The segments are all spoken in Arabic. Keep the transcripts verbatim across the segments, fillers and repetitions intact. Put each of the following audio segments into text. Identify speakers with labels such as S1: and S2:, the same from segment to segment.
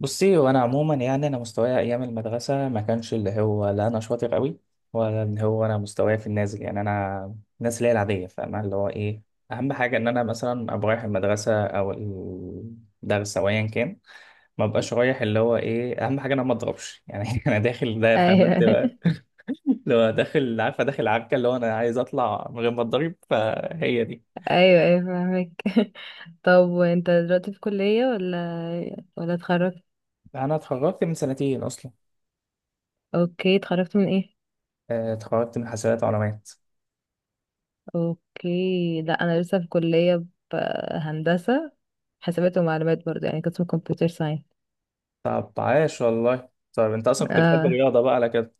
S1: بصي، وانا عموما يعني انا مستواي ايام المدرسه ما كانش اللي هو لا انا شاطر قوي، ولا اللي هو انا مستواي في النازل. يعني انا الناس اللي هي العاديه، فاهمه اللي هو ايه؟ اهم حاجه ان انا مثلا ابقى رايح المدرسه او الدرس او ايا كان، ما ابقاش رايح. اللي هو ايه؟ اهم حاجه إن انا ما اضربش يعني. انا داخل ده، فاهمه انت
S2: ايوه.
S1: بقى؟ لو داخل، عارفه، داخل عركه، اللي هو انا عايز اطلع من غير ما اتضرب. فهي دي.
S2: ايوه، ايوه، فاهمك. طب وانت دلوقتي في كلية ولا ولا اتخرجت؟
S1: انا اتخرجت من سنتين اصلا.
S2: اوكي، اتخرجت من ايه؟
S1: آه، اتخرجت من حسابات ومعلومات.
S2: اوكي، لا انا لسه في كلية ب- هندسة. حسابات ومعلومات برضه، يعني قسم كمبيوتر ساينس.
S1: طب عاش والله. طيب انت اصلا كنت بتحب
S2: اه.
S1: الرياضه بقى على كده؟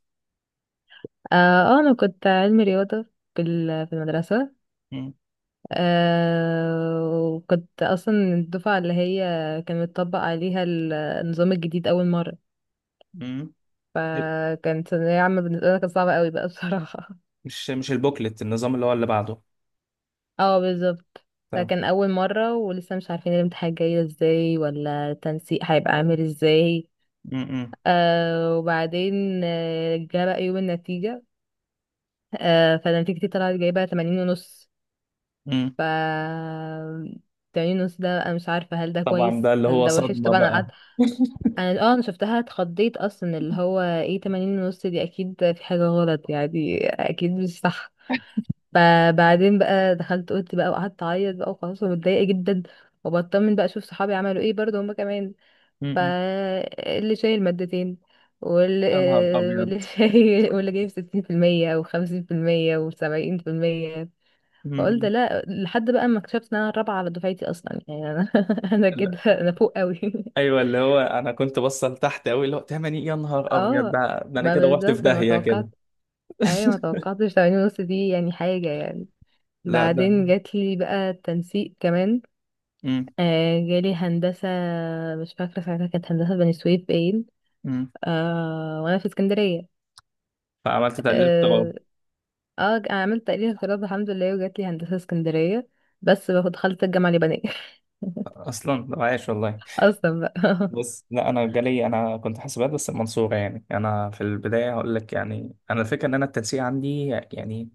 S2: اه آه، انا كنت علمي رياضة في ال- في المدرسة.
S1: مم.
S2: آه وكنت اصلا الدفعة اللي هي كان متطبق عليها ال- النظام الجديد اول مرة.
S1: مم.
S2: فكانت ثانوية عامة بالنسبة لي، كانت صعبة قوي بقى بصراحة.
S1: مش مش البوكلت، النظام اللي هو اللي بعده؟
S2: اه بالظبط.
S1: تمام.
S2: فكان اول مرة ولسه مش عارفين الامتحان جاي ازاي ولا التنسيق هيبقى عامل ازاي.
S1: مم.
S2: آه وبعدين آه، جه بقى يوم النتيجة. آه فنتيجتي طلعت جايبة تمانين ونص.
S1: مم.
S2: ف تمانين ونص ده انا مش عارفة هل ده
S1: طبعا
S2: كويس
S1: بقى، اللي
S2: هل
S1: هو
S2: ده وحش.
S1: صدمه
S2: طبعا انا
S1: بقى.
S2: قعدت، انا اه انا شفتها اتخضيت اصلا، اللي هو ايه تمانين ونص دي اكيد في حاجة غلط، يعني اكيد مش صح. ب- بعدين بقى دخلت اوضتي بقى وقعدت اعيط بقى وخلاص، ومتضايقه جدا. وبطمن بقى اشوف صحابي عملوا ايه برضه هما كمان.
S1: مم.
S2: فاللي شايل مادتين، واللي
S1: يا نهار ابيض.
S2: واللي شايل واللي جايب ستين في المية وخمسين في المية وسبعين في المية. فقلت
S1: مم.
S2: لا، لحد بقى ما اكتشفت ان انا الرابعة على دفعتي اصلا، يعني انا انا كده
S1: لا.
S2: انا فوق قوي.
S1: ايوه، اللي هو انا كنت بصل تحت قوي، اللي هو تمني يا نهار ابيض
S2: اه،
S1: ده ده انا
S2: ما
S1: كده رحت في
S2: بالظبط انا ما
S1: داهيه كده.
S2: توقعت. ايوه، ما توقعتش تمانين ونص دي يعني حاجة يعني.
S1: لا ده.
S2: بعدين جات لي بقى التنسيق كمان.
S1: مم.
S2: آه جالي هندسة. مش فاكرة ساعتها، كانت هندسة بني سويف باين.
S1: مم.
S2: آه وأنا في اسكندرية.
S1: فعملت تعديل اختراع.
S2: اه، آه عملت تقليل اغتراب الحمد لله، وجات لي هندسة اسكندرية. بس بقى دخلت الجامعة اليابانية.
S1: اصلا طب عايش والله.
S2: أصلا بقى.
S1: بس لا، انا جالي انا كنت حاسبات بس المنصوره. يعني انا في البدايه هقول لك، يعني انا الفكره ان انا التنسيق عندي يعني.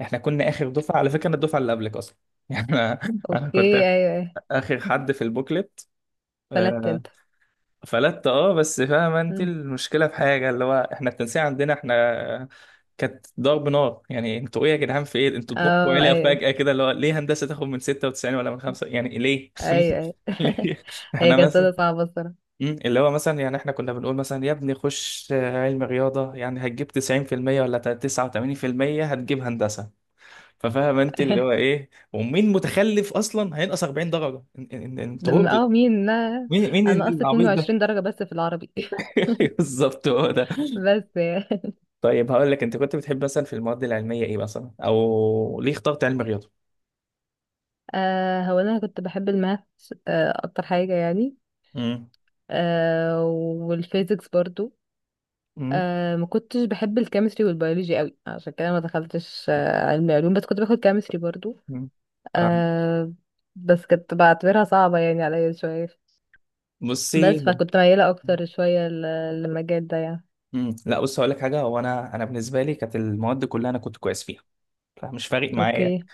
S1: احنا كنا اخر دفعه على فكره، انا الدفعه اللي قبلك اصلا. يعني انا أنا
S2: أوكي،
S1: كنت
S2: أيوه أيوه.
S1: اخر حد في البوكلت.
S2: فلت
S1: آه،
S2: أنت.
S1: فلت اه، بس فاهمه انت
S2: مم.
S1: المشكله في حاجه، اللي هو احنا التنسيق عندنا احنا كانت ضرب نار. يعني انتوا ايه يا جدعان؟ في ايه؟ انتوا طموحكم
S2: اه
S1: عالي
S2: أيوه،
S1: فجاه كده، اللي هو ليه هندسه تاخد من ستة وتسعين ولا من خمسة؟ يعني ليه؟
S2: أيوه أيوه.
S1: ليه؟
S2: هي
S1: احنا
S2: كانت
S1: بس.
S2: سنة صعبة الصراحة.
S1: مم. اللي هو مثلا يعني احنا كنا بنقول مثلا يا ابني خش آه، علم رياضة. يعني هتجيب تسعين في المية ولا تسعة وتمانين بالمية هتجيب هندسة. ففاهم انت اللي هو ايه، ومين متخلف اصلا هينقص اربعين درجة. إن- إن- إن- انت
S2: لما-
S1: هبل.
S2: اه مين؟ لا،
S1: مين مين
S2: أنا أصلا
S1: العبيط ده؟
S2: اتنين وعشرين درجة بس في العربي.
S1: بالظبط، هو ده.
S2: بس يعني.
S1: طيب هقول لك، انت كنت بتحب مثلا في المواد العلمية ايه مثلا، او ليه اخترت علم رياضة؟
S2: آه هو أنا كنت بحب الماث، آه أكتر حاجة يعني.
S1: مم.
S2: آه والفيزيكس برضو.
S1: مم.
S2: آه ما كنتش بحب الكيمستري والبيولوجي قوي، عشان كده ما دخلتش آه علمي علوم، بس كنت باخد كيمستري برضو.
S1: مم. فاهم.
S2: آه بس كنت بعتبرها صعبة يعني عليا شوية.
S1: بصي.
S2: بس فكنت ميالة اكتر شوية ل- للمجال ده يعني.
S1: مم. لا بص، هقول لك حاجه، هو انا انا بالنسبه لي كانت المواد كلها انا كنت كويس فيها. فمش فارق معايا.
S2: اوكي.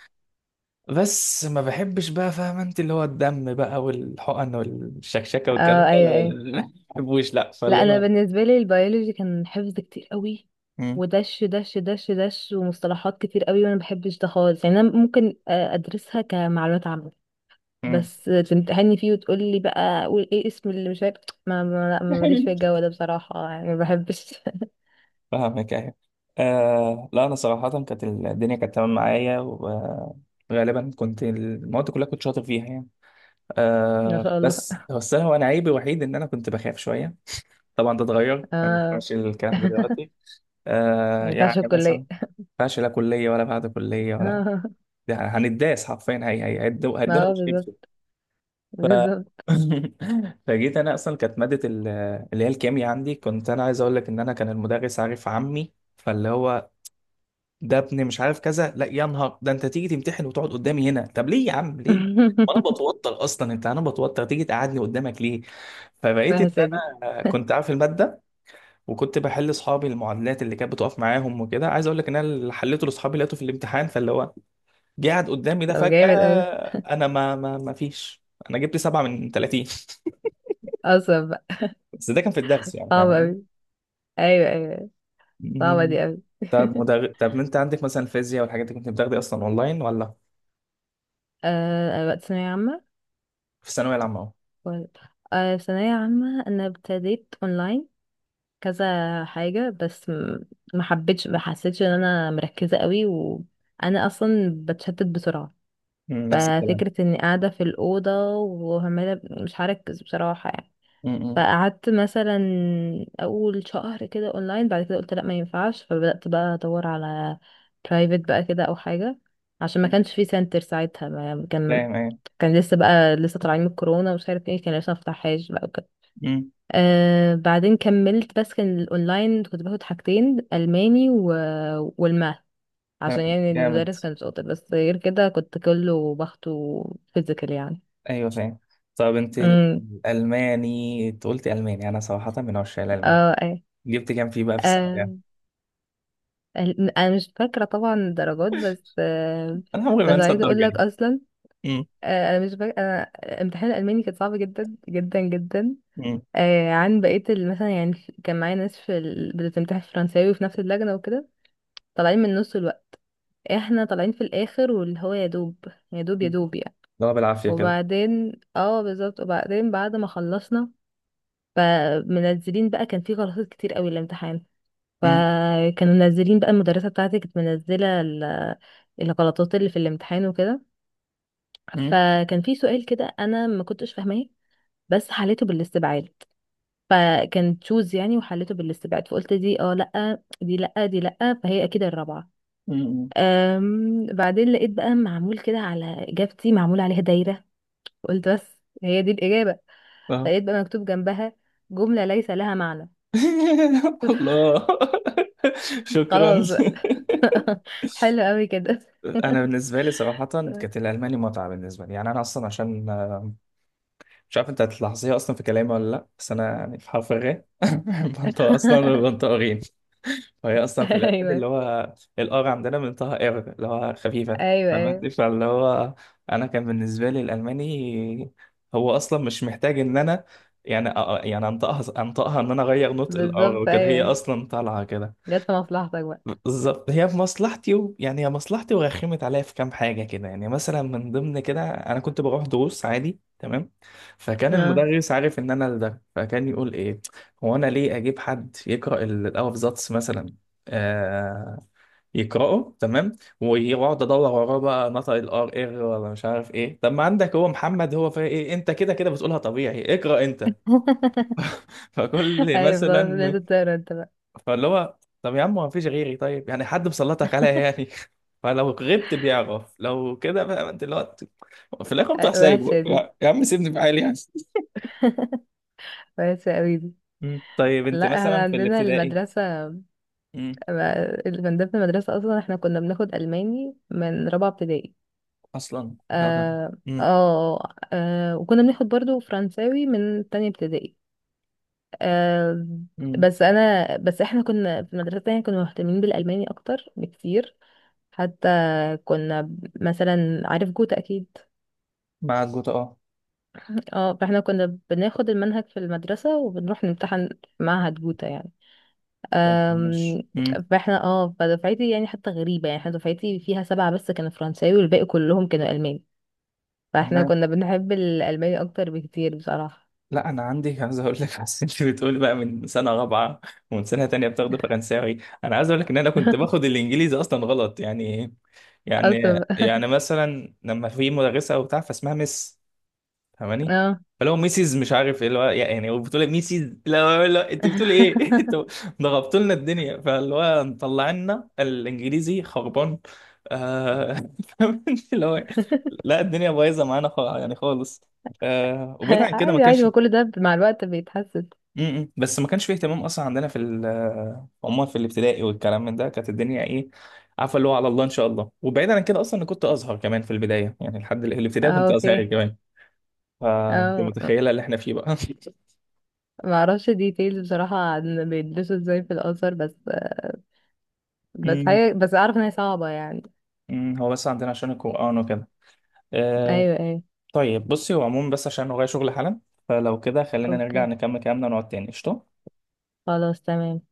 S1: بس ما بحبش بقى، فاهم انت؟ اللي هو الدم بقى والحقن والشكشكه والكلام
S2: اه
S1: ده، لا
S2: ايوه ايوه.
S1: لا لا، ما بحبوش لا. فاللي
S2: لا انا
S1: هو.
S2: بالنسبة لي البيولوجي كان حفظ كتير قوي،
S1: مم،
S2: ودش دش دش دش ومصطلحات كتير قوي، وانا ما بحبش ده خالص. يعني انا ممكن آه، ادرسها كمعلومات عامة،
S1: مم.
S2: بس تمتحني فيه وتقولي بقى قول ايه اسم اللي مش عارف، ما ما لا، ما ماليش في الجو ده بصراحة، يعني ما بحبش.
S1: فاهمك، ايوه. آه لا، انا صراحه كانت الدنيا كانت تمام معايا. وغالبا كنت المواد كلها كنت شاطر فيها يعني.
S2: ما
S1: آه،
S2: شاء الله.
S1: بس هو السنه، وانا عيبي الوحيد ان انا كنت بخاف شويه. طبعا ده اتغير، ما
S2: اه.
S1: ينفعش الكلام ده دلوقتي.
S2: ما
S1: آه،
S2: ينفعش
S1: يعني مثلا
S2: الكلية.
S1: ما ينفعش، لا كليه ولا بعد كليه ولا.
S2: آه.
S1: يعني هنتداس حرفيا. هي هي هيدو- هيدونا
S2: ما هو
S1: بالشبشب.
S2: بالظبط،
S1: ف...
S2: بالظبط.
S1: فجيت انا اصلا، كانت ماده ال- اللي هي الكيمياء عندي، كنت انا عايز اقول لك ان انا كان المدرس عارف عمي، فاللي هو ده ابني مش عارف كذا. لا يا نهار ده، انت تيجي تمتحن وتقعد قدامي هنا؟ طب ليه يا عم ليه؟ ما انا بتوتر اصلا، انت انا بتوتر، تيجي تقعدني قدامك ليه؟ فبقيت ان
S2: وحشة دي.
S1: انا كنت عارف الماده، وكنت بحل اصحابي المعادلات اللي كانت بتقف معاهم وكده. عايز اقول لك ان انا اللي حليته لاصحابي لقيته في الامتحان. فاللي هو جه قاعد قدامي ده
S2: طب
S1: فجاه.
S2: جامد اوي ده.
S1: انا ما ما ما فيش. انا جبت سبعة من ثلاثين.
S2: اصلا بقى.
S1: بس ده كان في الدرس يعني،
S2: صعب
S1: فاهم؟
S2: اوي. ايوه ايوه أيوة. صعبة
S1: يعني
S2: دي اوي.
S1: طب مدر... طب ما انت عندك مثلا الفيزياء والحاجات دي، كنت بتاخدي اصلا اونلاين ولا
S2: آه وقت ثانوية عامة.
S1: في الثانويه العامه اهو؟
S2: ولا- آه ثانوية عامة انا ابتديت اونلاين كذا حاجة، بس م- ما حبيتش، ما حسيتش ان انا مركزة قوي، وانا اصلا بتشتت بسرعة.
S1: مم، نفس الكلام.
S2: ففكرة اني قاعدة في الأوضة وعمالة مش هركز بصراحة يعني.
S1: امم،
S2: فقعدت مثلا أول شهر كده أونلاين، بعد كده قلت لأ ما ينفعش، فبدأت بقى أدور على برايفت بقى كده أو حاجة. عشان ما كانش في سنتر ساعتها، ما كان،
S1: فاهم ايه.
S2: كان لسه بقى لسه طالعين من الكورونا ومش عارف ايه، كان لسه مفتحهاش بقى وكده.
S1: مم،
S2: آه بعدين كملت، بس كان الاونلاين كنت باخد حاجتين، الماني و... والماث، عشان
S1: فاهم.
S2: يعني
S1: جامد.
S2: المدرس كان شاطر، بس غير كده كنت كله باخده فيزيكال يعني.
S1: ايوه فاهم. طب انت ال-
S2: امم.
S1: الالماني، انت قلتي الماني، انا صراحه من عشاق الالماني.
S2: اه ايه.
S1: جبت كام فيه بقى في الثانويه يعني؟
S2: آه ال- انا مش فاكره طبعا الدرجات، بس آه
S1: انا عمري ما
S2: بس
S1: انسى
S2: عايزه اقول
S1: الدرجه
S2: لك
S1: دي.
S2: اصلا،
S1: مم،
S2: آه انا مش فاكره انا امتحان الالماني كان صعب جدا جدا جدا.
S1: مم،
S2: آه عن بقيه ال- مثلا يعني في- كان معايا ناس في ال... بتمتحن فرنساوي في نفس اللجنه وكده. طالعين من نص، احنا طالعين في الاخر واللي هو يا دوب، يا دوب يا
S1: مم.
S2: دوب يعني.
S1: اللي هو بالعافيه كده.
S2: وبعدين اه بالظبط، وبعدين بعد ما خلصنا، فمنزلين بقى، كان في غلطات كتير قوي الامتحان،
S1: مم،
S2: فكانوا منزلين بقى، المدرسة بتاعتي كانت منزلة ال- الغلطات اللي في الامتحان وكده.
S1: مم،
S2: فكان في سؤال كده انا ما كنتش فاهماه، بس حليته بالاستبعاد، فكان تشوز يعني، وحليته بالاستبعاد، فقلت دي اه لا، دي لا، دي لا، فهي اكيد الرابعة.
S1: مم، مم.
S2: أم بعدين لقيت بقى معمول كده على إجابتي، معمول عليها دايرة، قلت بس، هي دي الإجابة.
S1: اه.
S2: لقيت بقى مكتوب جنبها جملة ليس لها معنى.
S1: الله. شكرا.
S2: خلاص بقى. حلو قوي كده.
S1: انا بالنسبه لي صراحه كانت الالماني متعه بالنسبه لي، يعني انا اصلا عشان آه، مش عارف انت هتلاحظيها اصلا في كلامي ولا لا، بس انا يعني في حرف الغ. منطقه اصلا، منطقه غين. فهي اصلا في الالماني،
S2: ايوه
S1: اللي هو الار عندنا، منطقه ار اللي هو خفيفه.
S2: ايوه
S1: فهمت؟
S2: ايوه
S1: فاللي هو انا كان بالنسبه لي الالماني هو اصلا مش محتاج ان انا، يعني أ- يعني انطقها انطقها ان انا اغير نطق الار
S2: بالظبط،
S1: وكده،
S2: ايوه
S1: هي
S2: ايوه.
S1: اصلا طالعه كده.
S2: جت في مصلحتك بقى.
S1: بالظبط هي في مصلحتي و... يعني هي مصلحتي، ورخمت عليا في كام حاجه كده. يعني مثلا من ضمن كده انا كنت بروح دروس عادي تمام. فكان
S2: اه.
S1: المدرس عارف ان انا ده، فكان يقول ايه، هو انا ليه اجيب حد يقرا ال- الافزاتس مثلا؟ آه، يقراه تمام، ويقعد ادور وراه بقى نطق الار، ار إيه، ولا مش عارف ايه. طب ما عندك هو محمد، هو فيها ايه؟ إيه، انت كده كده بتقولها طبيعي، اقرا انت.
S2: ايوه،
S1: فكل
S2: طيب
S1: مثلا،
S2: لازم تقرا انت بقى.
S1: فاللي هو طب يا عم، ما فيش غيري طيب، يعني حد مسلطك عليا يعني؟ فلو غبت بيعرف، لو كده بقى انت، اللي هو في الاخر انت
S2: أيوة، وحشه
S1: سايبه،
S2: دي،
S1: يا يا عم سيبني في حالي يعني.
S2: وحشه قوي دي.
S1: مم. طيب انت
S2: لا احنا
S1: مثلا في
S2: عندنا
S1: الابتدائي؟
S2: المدرسه،
S1: مم.
S2: من ضمن المدرسه اصلا احنا كنا بناخد الماني من رابعه ابتدائي.
S1: اصلا لا ده.
S2: اه.
S1: مم.
S2: اه آه، وكنا بناخد برضو فرنساوي من تانية ابتدائي. آه
S1: مم.
S2: بس انا بس احنا كنا في المدرسة التانية كنا مهتمين بالألماني اكتر بكتير، حتى كنا ب- مثلا عارف جوتا اكيد.
S1: مع الجوتا، اه.
S2: اه فاحنا كنا بناخد المنهج في المدرسة وبنروح نمتحن في معهد جوتا يعني.
S1: طب ماشي.
S2: أم،
S1: مم.
S2: فاحنا اه فدفعتي يعني حتى غريبة، يعني احنا دفعتي فيها سبعة بس كانوا فرنساوي والباقي كلهم كانوا ألمان، فاحنا كنا بنحب الألماني اكتر بكتير بصراحة.
S1: لا انا عندي. عايز اقول لك، بس انت بتقولي بقى من سنه رابعه، ومن سنه تانية بتاخد فرنساوي، انا عايز اقول لك ان انا كنت باخد الانجليزي اصلا غلط يعني. يعني
S2: اصلا.
S1: يعني مثلا لما في مدرسه او بتاع، فاسمها مس، فاهماني؟
S2: اه.
S1: فلو ميسيز مش عارف ايه، اللي هو يعني هو بتقول ميسيز، لا لا، انت بتقولي ايه؟ انتوا ضغطتوا لنا الدنيا، فاللي هو مطلعنا الانجليزي خربان. آه. فاهماني؟ اللي هو لا الدنيا بايظه معانا، خا- يعني خالص. آه. وبعيد عن كده ما
S2: عادي عادي،
S1: كانش
S2: ما كل ده مع الوقت بيتحسن.
S1: م- م. بس ما كانش فيه اهتمام اصلا عندنا في ال- آه، عموما في الابتدائي والكلام من ده، كانت الدنيا ايه، عارفه، اللي هو على الله ان شاء الله. وبعيدا عن كده اصلا، انا كنت ازهر كمان في البدايه، يعني لحد ال- الابتدائي
S2: اه
S1: كنت ازهري
S2: اوكي.
S1: كمان. فانت
S2: اه
S1: متخيله اللي احنا فيه بقى.
S2: ما اعرفش ديتيلز بصراحة عن بيلبسوا ازاي في الأزهر، بس بس
S1: م-
S2: هي بس اعرف ان هي صعبة يعني.
S1: م. هو بس عندنا عشان القران وكده. آه.
S2: ايوه ايوه.
S1: طيب بصي، هو عموما بس عشان ورايا شغل حالا، فلو كده خلينا نرجع
S2: اوكي،
S1: نكمل كلامنا ونقعد تاني، قشطه.
S2: خلاص تمام.